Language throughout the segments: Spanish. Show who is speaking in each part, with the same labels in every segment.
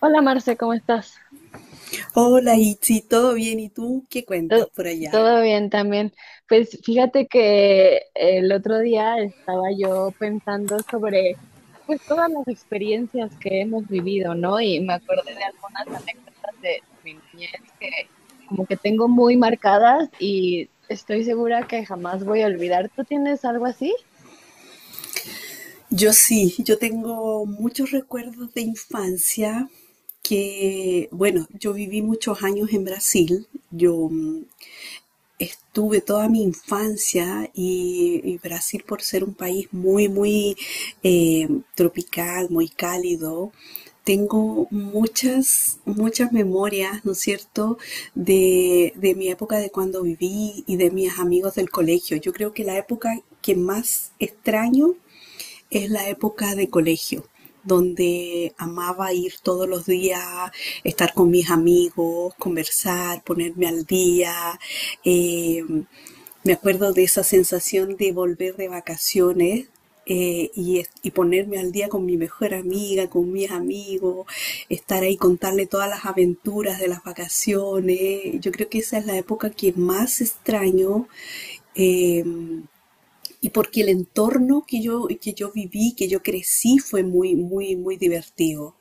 Speaker 1: Hola Marce, ¿cómo estás?
Speaker 2: Hola, Itzi, ¿todo bien? ¿Y tú qué
Speaker 1: Todo,
Speaker 2: cuentas por allá?
Speaker 1: todo bien también. Pues fíjate que el otro día estaba yo pensando sobre pues todas las experiencias que hemos vivido, ¿no? Y me acordé de algunas anécdotas de mi niñez que como que tengo muy marcadas y estoy segura que jamás voy a olvidar. ¿Tú tienes algo así?
Speaker 2: Yo sí, yo tengo muchos recuerdos de infancia que, bueno, yo viví muchos años en Brasil. Estuve toda mi infancia y Brasil, por ser un país muy, muy eh, tropical, muy cálido, tengo muchas memorias, ¿no es cierto?, de mi época de cuando viví y de mis amigos del colegio. Yo creo que la época que más extraño es la época de colegio, donde amaba ir todos los días, estar con mis amigos, conversar, ponerme al día. Eh, Me acuerdo de esa sensación de volver de vacaciones. Y ponerme al día con mi mejor amiga, con mis amigos, estar ahí, contarle todas las aventuras de las vacaciones. Yo creo que esa es la época que más extraño, eh, y porque el entorno que yo viví, que yo crecí, fue muy, muy divertido.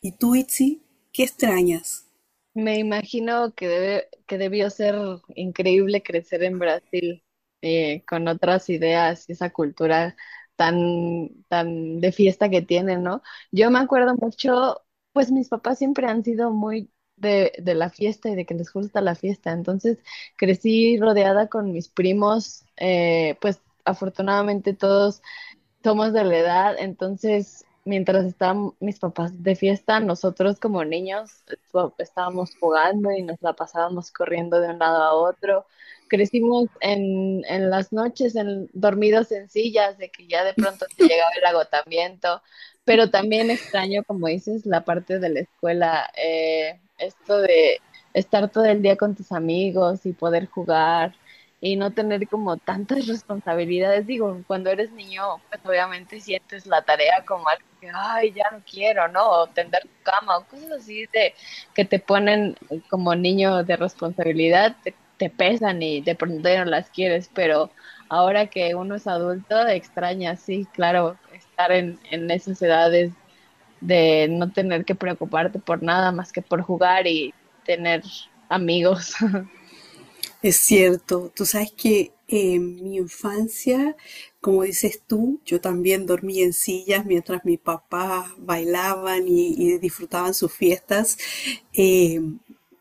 Speaker 2: ¿Y tú, Itzi, qué extrañas?
Speaker 1: Me imagino que debió ser increíble crecer en Brasil, con otras ideas y esa cultura tan de fiesta que tienen, ¿no? Yo me acuerdo mucho, pues mis papás siempre han sido muy de la fiesta y de que les gusta la fiesta, entonces crecí rodeada con mis primos, pues afortunadamente todos somos de la edad, entonces mientras estaban mis papás de fiesta, nosotros como niños estábamos jugando y nos la pasábamos corriendo de un lado a otro. Crecimos en las noches, en, dormidos en sillas, de que ya de pronto te llegaba el agotamiento, pero también extraño, como dices, la parte de la escuela, esto de estar todo el día con tus amigos y poder jugar y no tener como tantas responsabilidades. Digo, cuando eres niño, pues obviamente sientes la tarea como algo que, ay, ya no quiero, ¿no? O tender tu cama o cosas así de que te ponen como niño de responsabilidad, te pesan y de pronto ya no las quieres, pero ahora que uno es adulto, extraña, sí, claro, estar en esas edades de no tener que preocuparte por nada más que por jugar y tener amigos.
Speaker 2: Es cierto, tú sabes que en mi infancia, como dices tú, yo también dormí en sillas mientras mis papás bailaban y disfrutaban sus fiestas, eh,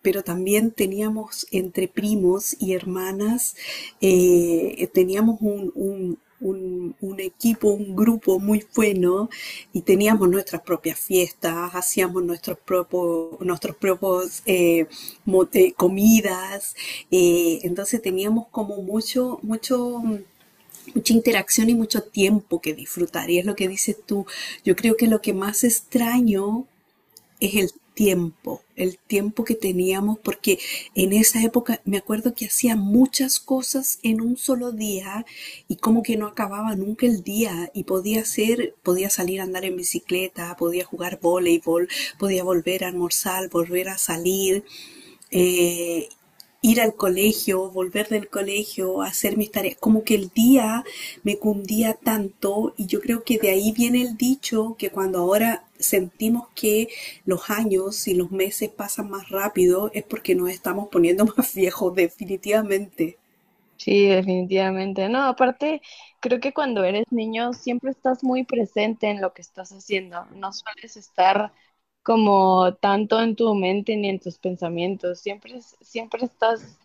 Speaker 2: pero también teníamos entre primos y hermanas, teníamos un equipo, un grupo muy bueno y teníamos nuestras propias fiestas, hacíamos nuestros propios comidas, entonces teníamos como mucha interacción y mucho tiempo que disfrutar. Y es lo que dices tú, yo creo que lo que más extraño es el tiempo que teníamos, porque en esa época me acuerdo que hacía muchas cosas en un solo día y como que no acababa nunca el día y podía hacer, podía salir a andar en bicicleta, podía jugar voleibol, podía volver a almorzar, volver a salir, eh, ir al colegio, volver del colegio, hacer mis tareas, como que el día me cundía tanto y yo creo que de ahí viene el dicho que cuando ahora sentimos que los años y los meses pasan más rápido es porque nos estamos poniendo más viejos definitivamente.
Speaker 1: Sí, definitivamente. No, aparte, creo que cuando eres niño siempre estás muy presente en lo que estás haciendo. No sueles estar como tanto en tu mente ni en tus pensamientos. Siempre, siempre estás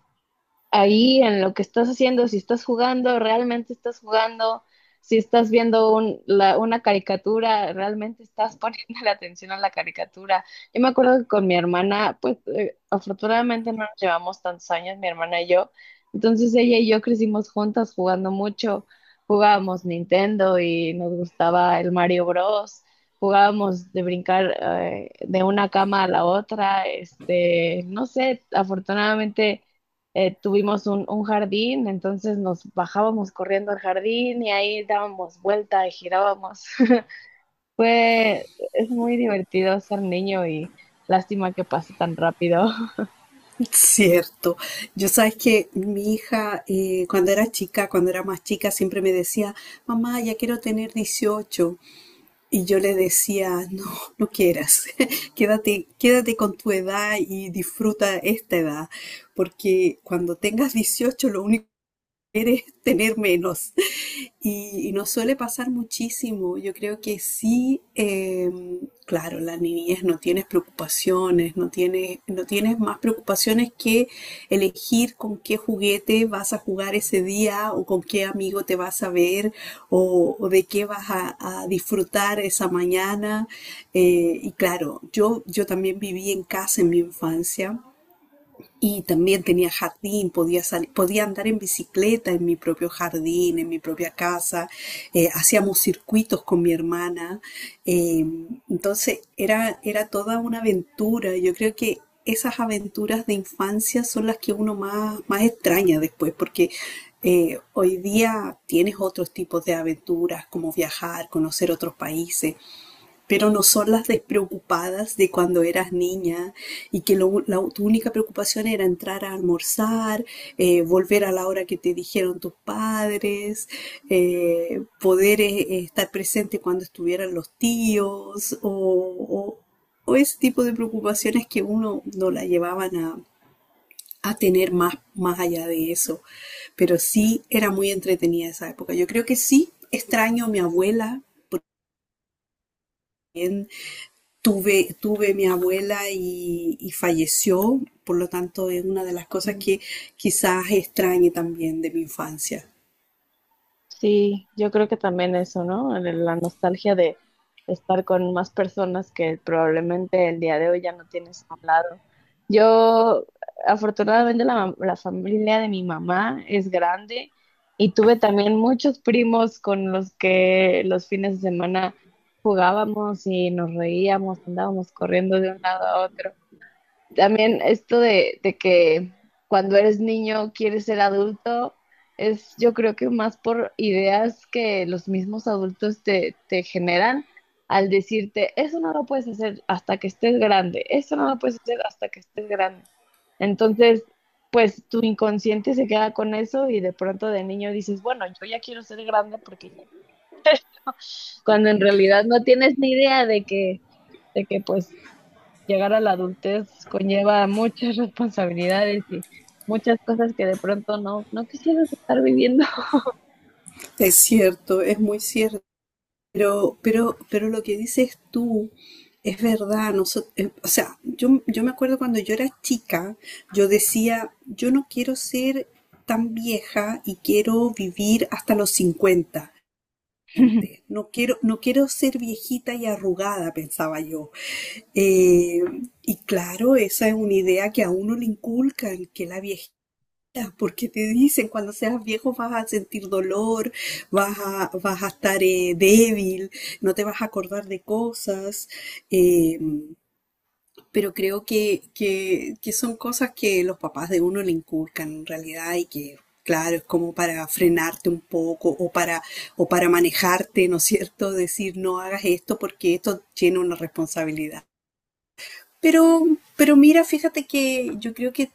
Speaker 1: ahí en lo que estás haciendo, si estás jugando, realmente estás jugando, si estás viendo una caricatura, realmente estás poniendo la atención a la caricatura. Yo me acuerdo que con mi hermana, pues afortunadamente no nos llevamos tantos años, mi hermana y yo, entonces ella y yo crecimos juntas jugando mucho, jugábamos Nintendo y nos gustaba el Mario Bros. Jugábamos de brincar de una cama a la otra, este, no sé, afortunadamente tuvimos un jardín, entonces nos bajábamos corriendo al jardín y ahí dábamos vuelta y girábamos. Fue, es muy divertido ser niño y lástima que pase tan rápido.
Speaker 2: Cierto. Yo sabes que mi hija, cuando era chica, cuando era más chica, siempre me decía, mamá, ya quiero tener 18. Y yo le decía, no, no quieras, quédate, quédate con tu edad y disfruta esta edad, porque cuando tengas 18 lo único que quieres es tener menos. Y nos suele pasar muchísimo. Yo creo que sí, claro, la niñez no tienes preocupaciones, no tienes más preocupaciones que elegir con qué juguete vas a jugar ese día o con qué amigo te vas a ver o de qué vas a disfrutar esa mañana. Y claro, yo también viví en casa en mi infancia. Y también tenía jardín, podía salir, podía andar en bicicleta en mi propio jardín, en mi propia casa. Hacíamos circuitos con mi hermana. eh, entonces era toda una aventura. Yo creo que esas aventuras de infancia son las que uno más extraña después, porque hoy día tienes otros tipos de aventuras, como viajar, conocer otros países, pero no son las despreocupadas de cuando eras niña y que tu única preocupación era entrar a almorzar, volver a la hora que te dijeron tus padres, poder estar presente cuando estuvieran los tíos o ese tipo de preocupaciones que uno no la llevaban a tener más allá de eso. Pero sí era muy entretenida esa época. Yo creo que sí extraño a mi abuela. Tuve mi abuela y falleció, por lo tanto es una de las cosas que quizás extrañe también de mi infancia.
Speaker 1: Sí, yo creo que también eso, ¿no? La nostalgia de estar con más personas que probablemente el día de hoy ya no tienes a un lado. Yo, afortunadamente, la familia de mi mamá es grande y tuve también muchos primos con los que los fines de semana jugábamos y nos reíamos, andábamos corriendo de un lado a otro. También esto de que cuando eres niño quieres ser adulto es yo creo que más por ideas que los mismos adultos te generan al decirte, eso no lo puedes hacer hasta que estés grande, eso no lo puedes hacer hasta que estés grande. Entonces, pues tu inconsciente se queda con eso y de pronto de niño dices, bueno, yo ya quiero ser grande porque ya cuando en realidad no tienes ni idea de que pues llegar a la adultez conlleva muchas responsabilidades y muchas cosas que de pronto no quisieras estar viviendo.
Speaker 2: Es cierto, es muy cierto, pero lo que dices tú es verdad. O sea, yo me acuerdo cuando yo era chica, yo decía, yo no quiero ser tan vieja y quiero vivir hasta los 50 gente. No quiero, no quiero ser viejita y arrugada, pensaba yo. Eh, y claro, esa es una idea que a uno le inculcan, que la viejita, porque te dicen, cuando seas viejo vas a sentir dolor, vas a estar débil, no te vas a acordar de cosas, eh, pero creo que son cosas que los papás de uno le inculcan en realidad y que... Claro, es como para frenarte un poco o para manejarte, ¿no es cierto? Decir, no hagas esto porque esto tiene una responsabilidad. Pero, pero mira, fíjate que yo creo que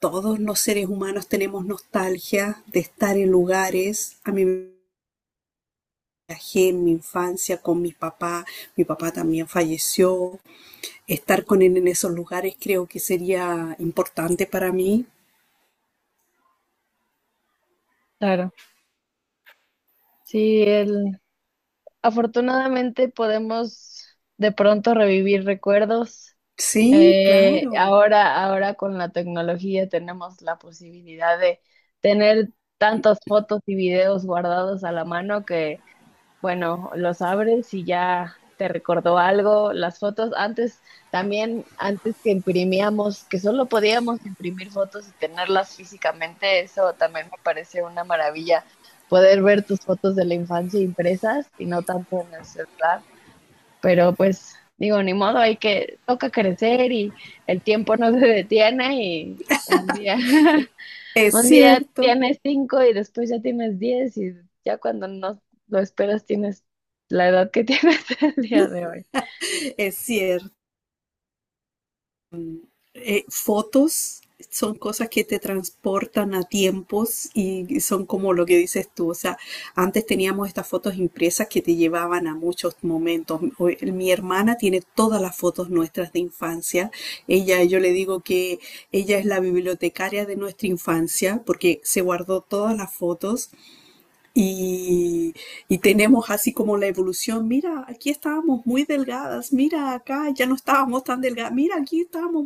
Speaker 2: todos los seres humanos tenemos nostalgia de estar en lugares. A mí me viajé en mi infancia con mi papá también falleció. Estar con él en esos lugares creo que sería importante para mí.
Speaker 1: Claro, sí, el, afortunadamente podemos de pronto revivir recuerdos.
Speaker 2: Sí, claro,
Speaker 1: Ahora con la tecnología tenemos la posibilidad de tener tantas fotos y videos guardados a la mano que bueno, los abres y ya te recordó algo. Las fotos antes, también antes que imprimíamos, que solo podíamos imprimir fotos y tenerlas físicamente, eso también me parece una maravilla, poder ver tus fotos de la infancia impresas y no tanto en el celular. Pero pues digo, ni modo, hay que, toca crecer y el tiempo no se detiene y un día.
Speaker 2: es
Speaker 1: Un día
Speaker 2: cierto,
Speaker 1: tienes 5 y después ya tienes 10 y ya cuando no lo esperas tienes la edad que tienes el día de hoy.
Speaker 2: es cierto. Fotos son cosas que te transportan a tiempos y son como lo que dices tú. O sea, antes teníamos estas fotos impresas que te llevaban a muchos momentos. Mi hermana tiene todas las fotos nuestras de infancia. Ella, yo le digo que ella es la bibliotecaria de nuestra infancia porque se guardó todas las fotos y, y tenemos así como la evolución. Mira, aquí estábamos muy delgadas. Mira, acá ya no estábamos tan delgadas. Mira, aquí estábamos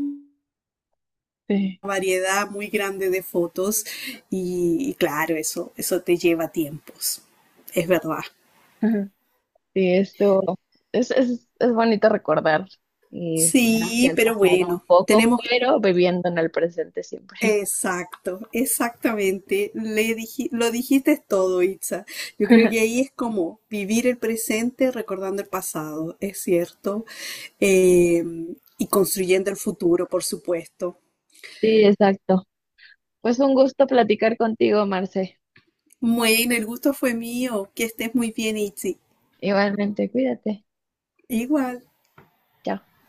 Speaker 1: Sí.
Speaker 2: variedad muy grande de fotos y claro, eso te lleva tiempos, es verdad.
Speaker 1: Ajá. Sí, esto es bonito recordar y ver hacia
Speaker 2: Sí,
Speaker 1: el
Speaker 2: pero
Speaker 1: pasado un
Speaker 2: bueno,
Speaker 1: poco,
Speaker 2: tenemos...
Speaker 1: pero viviendo en el presente siempre.
Speaker 2: Exacto, exactamente. Lo dijiste todo, Itza. Yo creo que ahí es como vivir el presente recordando el pasado, es cierto, eh, y construyendo el futuro, por supuesto.
Speaker 1: Sí, exacto. Pues un gusto platicar contigo, Marce.
Speaker 2: Bueno, el gusto fue mío. Que estés muy bien, Itzi.
Speaker 1: Igualmente, cuídate.
Speaker 2: Igual.
Speaker 1: Chao.